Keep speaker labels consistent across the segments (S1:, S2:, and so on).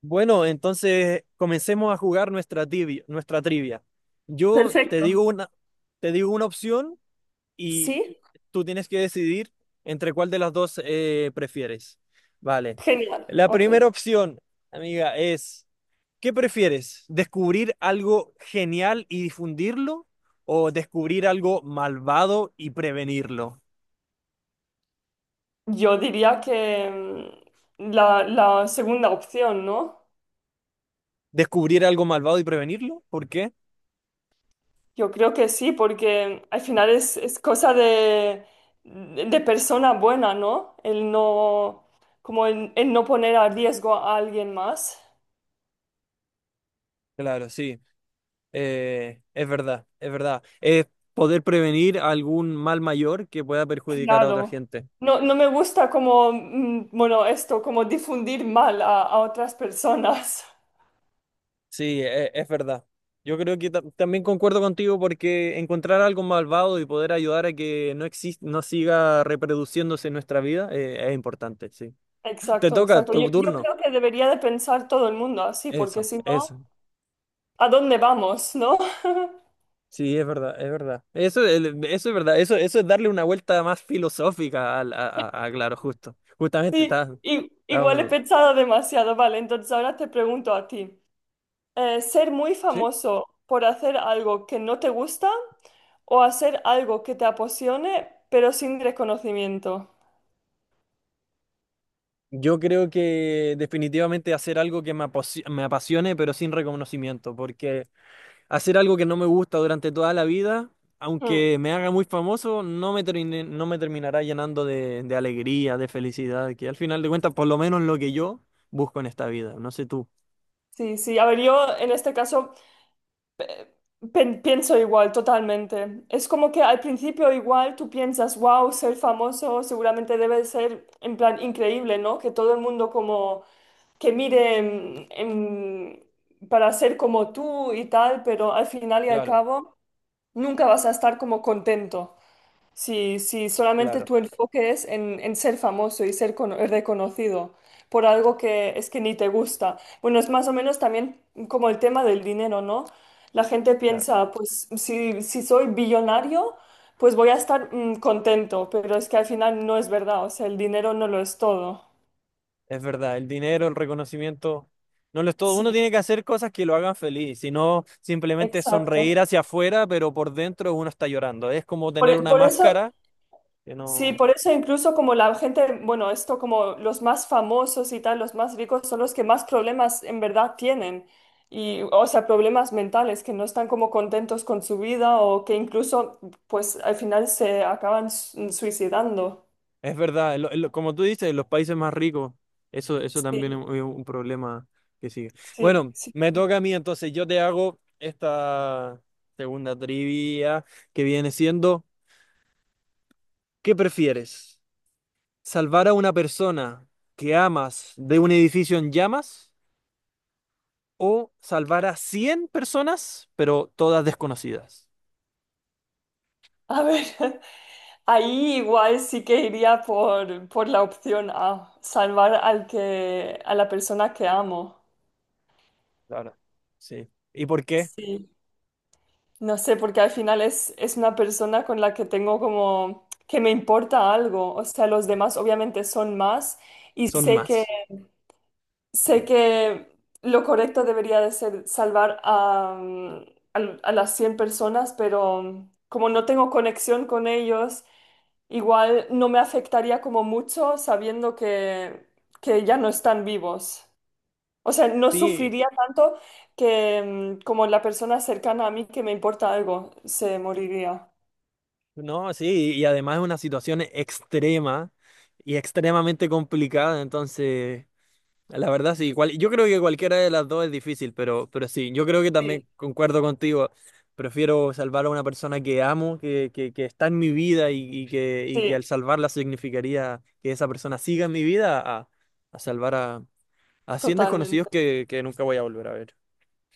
S1: Bueno, entonces comencemos a jugar nuestra trivia. Yo
S2: Perfecto.
S1: te digo una opción y
S2: Sí,
S1: tú tienes que decidir entre cuál de las dos prefieres. Vale.
S2: genial.
S1: La
S2: Ok.
S1: primera opción, amiga, es, ¿qué prefieres? ¿Descubrir algo genial y difundirlo o descubrir algo malvado y prevenirlo?
S2: Yo diría que la segunda opción, ¿no?
S1: ¿Descubrir algo malvado y prevenirlo? ¿Por qué?
S2: Yo creo que sí, porque al final es cosa de persona buena, ¿no? El no, como el no poner a riesgo a alguien más.
S1: Claro, sí. Es verdad, es verdad. Es poder prevenir algún mal mayor que pueda perjudicar a otra
S2: Claro.
S1: gente.
S2: No, no me gusta como, bueno, esto, como difundir mal a otras personas.
S1: Sí, es, verdad. Yo creo que también concuerdo contigo porque encontrar algo malvado y poder ayudar a que no siga reproduciéndose en nuestra vida es importante, sí. Te
S2: Exacto,
S1: toca
S2: exacto. Yo,
S1: tu
S2: yo
S1: turno.
S2: creo que debería de pensar todo el mundo así, porque
S1: Eso,
S2: si
S1: eso.
S2: no... ¿A dónde vamos, no?
S1: Sí, es verdad, es verdad. Eso, eso es verdad. Eso es darle una vuelta más filosófica claro, justo. Justamente
S2: Sí,
S1: está, está
S2: igual he
S1: bueno.
S2: pensado demasiado. Vale, entonces ahora te pregunto a ti. ¿Ser muy
S1: ¿Sí?
S2: famoso por hacer algo que no te gusta o hacer algo que te apasione pero sin reconocimiento?
S1: Yo creo que definitivamente hacer algo que me apasione, pero sin reconocimiento, porque hacer algo que no me gusta durante toda la vida,
S2: Mm.
S1: aunque me haga muy famoso, no me terminará llenando de alegría, de felicidad, que al final de cuentas, por lo menos lo que yo busco en esta vida, no sé tú.
S2: Sí, sí. A ver, yo en este caso pienso igual, totalmente. Es como que al principio igual tú piensas, wow, ser famoso seguramente debe ser en plan increíble, ¿no? Que todo el mundo como... que mire para ser como tú y tal, pero al final y al
S1: Claro,
S2: cabo nunca vas a estar como contento si solamente
S1: claro,
S2: tu enfoque es en ser famoso y ser reconocido por algo que es que ni te gusta. Bueno, es más o menos también como el tema del dinero, ¿no? La gente
S1: claro.
S2: piensa, pues si soy billonario, pues voy a estar contento, pero es que al final no es verdad, o sea, el dinero no lo es todo.
S1: Es verdad, el dinero, el reconocimiento, no lo es todo. Uno
S2: Sí,
S1: tiene que hacer cosas que lo hagan feliz, si no simplemente sonreír
S2: exacto.
S1: hacia afuera, pero por dentro uno está llorando. Es como tener
S2: Por,
S1: una
S2: por eso.
S1: máscara. Que
S2: Sí,
S1: no.
S2: por eso incluso como la gente, bueno, esto como los más famosos y tal, los más ricos son los que más problemas en verdad tienen. Y, o sea, problemas mentales, que no están como contentos con su vida o que incluso, pues, al final se acaban suicidando.
S1: Es verdad, como tú dices, los países más ricos, eso también es
S2: Sí,
S1: es un problema que sigue.
S2: sí,
S1: Bueno,
S2: sí,
S1: me
S2: sí.
S1: toca a mí entonces, yo te hago esta segunda trivia que viene siendo, ¿qué prefieres? ¿Salvar a una persona que amas de un edificio en llamas o salvar a 100 personas, pero todas desconocidas?
S2: A ver, ahí igual sí que iría por la opción A, salvar al que, a la persona que amo.
S1: Claro. Sí. ¿Y por qué?
S2: Sí. No sé, porque al final es una persona con la que tengo como que me importa algo. O sea, los demás obviamente son más y
S1: Son más.
S2: sé que lo correcto debería de ser salvar a las 100 personas, pero como no tengo conexión con ellos, igual no me afectaría como mucho sabiendo que ya no están vivos. O sea, no
S1: Sí.
S2: sufriría tanto que como la persona cercana a mí que me importa algo se moriría.
S1: No, sí, y además es una situación extrema y extremadamente complicada, entonces, la verdad sí, yo creo que cualquiera de las dos es difícil, pero sí, yo creo que
S2: Sí,
S1: también concuerdo contigo, prefiero salvar a una persona que amo, que está en mi vida y y que
S2: sí,
S1: al salvarla significaría que esa persona siga en mi vida a salvar a 100 desconocidos
S2: totalmente.
S1: que nunca voy a volver a ver.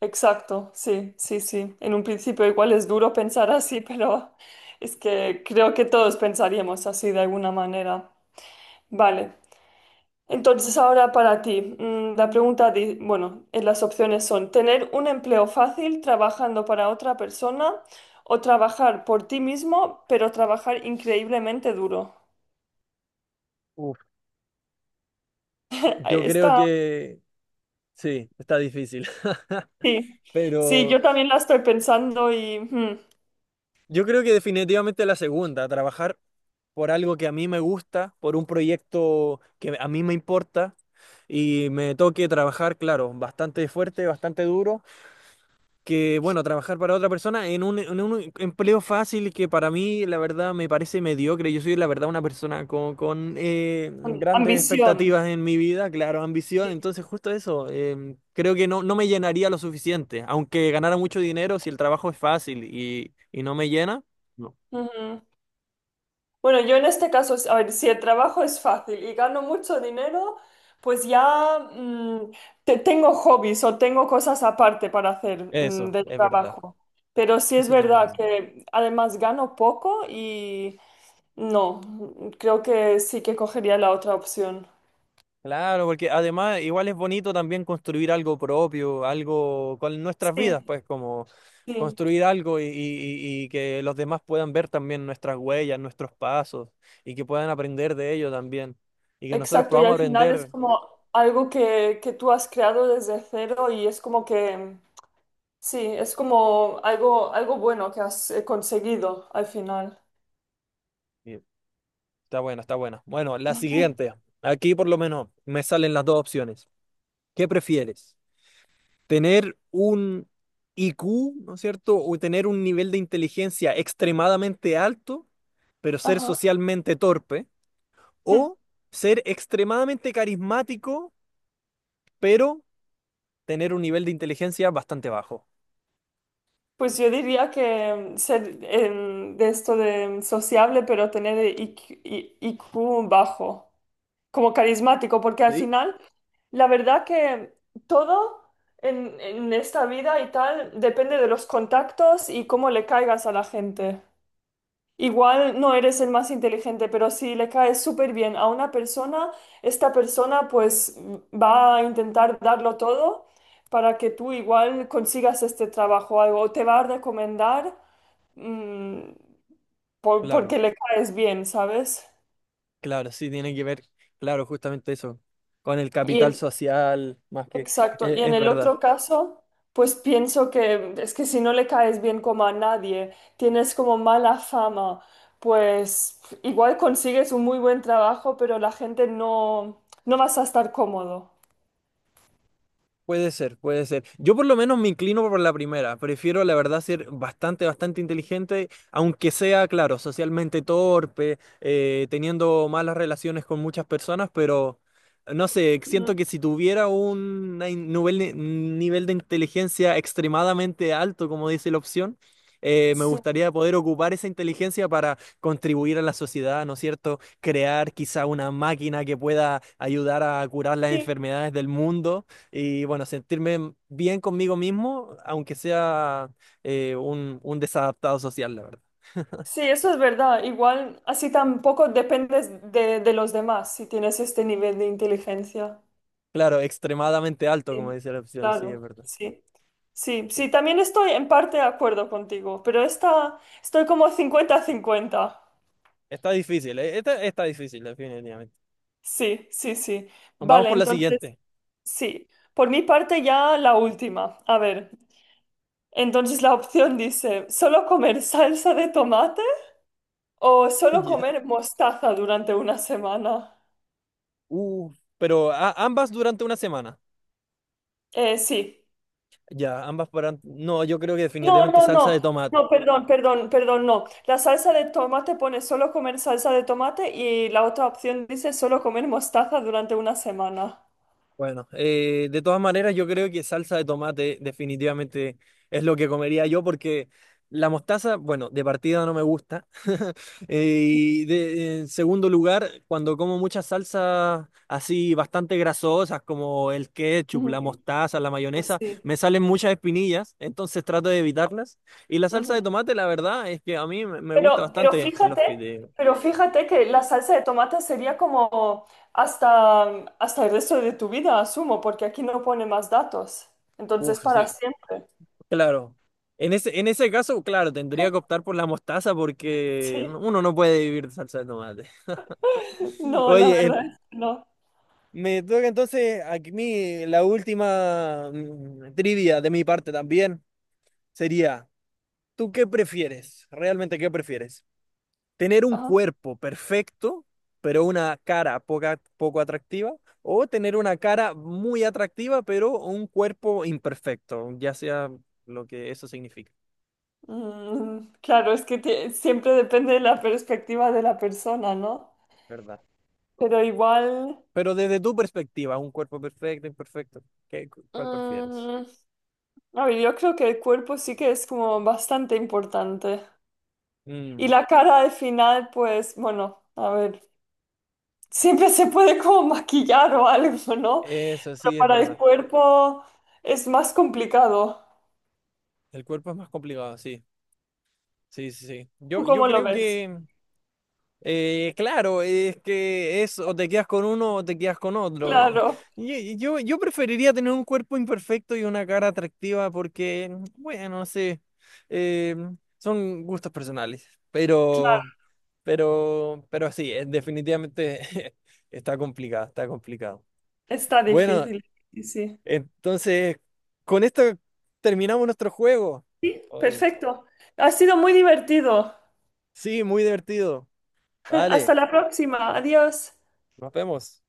S2: Exacto, sí, sí, sí. En un principio igual es duro pensar así, pero es que creo que todos pensaríamos así de alguna manera. Vale. Entonces, ahora para ti, la pregunta, bueno, las opciones son tener un empleo fácil trabajando para otra persona o trabajar por ti mismo, pero trabajar increíblemente duro.
S1: Uf, yo creo
S2: Esta,
S1: que sí, está difícil,
S2: sí, sí,
S1: pero...
S2: yo también la estoy pensando y
S1: Yo creo que definitivamente la segunda, trabajar por algo que a mí me gusta, por un proyecto que a mí me importa y me toque trabajar, claro, bastante fuerte, bastante duro, que bueno, trabajar para otra persona en en un empleo fácil que para mí la verdad me parece mediocre. Yo soy la verdad una persona grandes
S2: ambición.
S1: expectativas en mi vida, claro, ambición,
S2: Sí.
S1: entonces justo eso, creo que no, no me llenaría lo suficiente, aunque ganara mucho dinero si el trabajo es fácil y no me llena. No.
S2: Ujú. Bueno, yo en este caso, a ver, si el trabajo es fácil y gano mucho dinero, pues ya tengo hobbies o tengo cosas aparte para hacer
S1: Eso,
S2: del
S1: es verdad.
S2: trabajo. Pero sí es
S1: Eso también es
S2: verdad
S1: verdad.
S2: que además gano poco y no, creo que sí que cogería la otra opción.
S1: Claro, porque además igual es bonito también construir algo propio, algo con nuestras vidas,
S2: Sí,
S1: pues como
S2: sí,
S1: construir algo y que los demás puedan ver también nuestras huellas, nuestros pasos y que puedan aprender de ello también. Y que nosotros
S2: exacto. Y
S1: podamos
S2: al final es
S1: aprender.
S2: como algo que tú has creado desde cero y es como que, sí, es como algo bueno que has conseguido al final.
S1: Y está buena, está buena. Bueno, la siguiente. Aquí por lo menos me salen las dos opciones. ¿Qué prefieres? Tener un IQ, ¿no es cierto? O tener un nivel de inteligencia extremadamente alto, pero ser
S2: Ajá.
S1: socialmente torpe, o ser extremadamente carismático, pero tener un nivel de inteligencia bastante bajo.
S2: Pues yo diría que ser de esto de sociable, pero tener IQ, I Q bajo, como carismático, porque al
S1: ¿Sí?
S2: final, la verdad que todo en esta vida y tal depende de los contactos y cómo le caigas a la gente. Igual no eres el más inteligente, pero si le caes súper bien a una persona, esta persona pues va a intentar darlo todo para que tú igual consigas este trabajo o algo, o te va a recomendar mm, porque
S1: Claro,
S2: le caes bien, ¿sabes?
S1: claro, sí, tiene que ver, claro, justamente eso, con el capital
S2: Y,
S1: social, más que,
S2: Exacto. Y en
S1: es,
S2: el
S1: verdad.
S2: otro caso, pues pienso que es que si no le caes bien como a nadie, tienes como mala fama, pues igual consigues un muy buen trabajo, pero la gente no vas a estar cómodo.
S1: Puede ser, puede ser. Yo por lo menos me inclino por la primera. Prefiero, la verdad, ser bastante, bastante inteligente, aunque sea, claro, socialmente torpe, teniendo malas relaciones con muchas personas, pero no sé,
S2: Ujú.
S1: siento que si tuviera un nivel de inteligencia extremadamente alto, como dice la opción, me
S2: Sí.
S1: gustaría poder ocupar esa inteligencia para contribuir a la sociedad, ¿no es cierto? Crear quizá una máquina que pueda ayudar a curar las
S2: Sí,
S1: enfermedades del mundo y bueno, sentirme bien conmigo mismo, aunque sea un desadaptado social, la verdad.
S2: sí, eso es verdad. Igual así tampoco dependes de los demás si tienes este nivel de inteligencia.
S1: Claro, extremadamente alto, como
S2: Sí,
S1: dice la opción, sí, es
S2: claro,
S1: verdad.
S2: sí. Sí,
S1: Eh,
S2: sí, también estoy en parte de acuerdo contigo, pero estoy como 50-50.
S1: Está difícil, Esta está difícil, definitivamente.
S2: Sí, sí, sí.
S1: Vamos
S2: Vale,
S1: por la
S2: entonces,
S1: siguiente.
S2: sí. Por mi parte ya la última. A ver, entonces la opción dice, ¿solo comer salsa de tomate o solo
S1: Ya.
S2: comer mostaza durante una semana?
S1: Uh, pero ambas durante una semana.
S2: Sí.
S1: Ya, ambas para... No, yo creo que
S2: No,
S1: definitivamente
S2: no,
S1: salsa
S2: no,
S1: de tomate.
S2: no, perdón, perdón, perdón, no. La salsa de tomate pone solo comer salsa de tomate y la otra opción dice solo comer mostaza durante una semana.
S1: Bueno, de todas maneras, yo creo que salsa de tomate definitivamente es lo que comería yo porque la mostaza, bueno, de partida no me gusta. Eh, y en segundo lugar, cuando como muchas salsas así bastante grasosas como el ketchup,
S2: Ujú.
S1: la mostaza, la
S2: Pues
S1: mayonesa,
S2: sí.
S1: me salen muchas espinillas, entonces trato de evitarlas. Y la salsa de
S2: Ujú.
S1: tomate, la verdad, es que a mí me gusta
S2: Pero, pero
S1: bastante en los
S2: fíjate,
S1: fideos.
S2: pero fíjate que la salsa de tomate sería como hasta, hasta el resto de tu vida, asumo, porque aquí no pone más datos. Entonces,
S1: Uf,
S2: para
S1: sí,
S2: siempre.
S1: claro. En ese caso, claro, tendría que optar por la mostaza porque
S2: Sí.
S1: uno no puede vivir de salsa de tomate.
S2: No, la
S1: Oye,
S2: verdad, no.
S1: me toca entonces a mí la última trivia de mi parte también. Sería, ¿tú qué prefieres? ¿Realmente qué prefieres? ¿Tener un
S2: Ajá.
S1: cuerpo perfecto, pero una cara poco atractiva? ¿O tener una cara muy atractiva, pero un cuerpo imperfecto? Ya sea lo que eso significa,
S2: Claro, es que siempre depende de la perspectiva de la persona, ¿no?
S1: ¿verdad?
S2: Pero igual,
S1: Pero desde tu perspectiva, un cuerpo perfecto, imperfecto, ¿cuál prefieres?
S2: mm, a ver, yo creo que el cuerpo sí que es como bastante importante. Y
S1: Mm,
S2: la cara al final, pues, bueno, a ver, siempre se puede como maquillar o algo, ¿no?
S1: eso
S2: Pero
S1: sí es
S2: para el
S1: verdad.
S2: cuerpo es más complicado.
S1: El cuerpo es más complicado, sí. Sí, sí, sí.
S2: ¿Tú
S1: Yo
S2: cómo lo
S1: creo
S2: ves?
S1: que eh, claro, es que es o te quedas con uno o te quedas con otro, eh.
S2: Claro,
S1: Yo preferiría tener un cuerpo imperfecto y una cara atractiva porque, bueno, no sé, eh, son gustos personales,
S2: claro,
S1: pero, pero sí, definitivamente está complicado, está complicado.
S2: está
S1: Bueno,
S2: difícil. Sí, sí.
S1: entonces, con esto terminamos nuestro juego.
S2: Sí.
S1: Oye,
S2: Perfecto. Ha sido muy divertido.
S1: sí, muy divertido.
S2: Hasta
S1: Vale,
S2: la próxima. Adiós.
S1: nos vemos.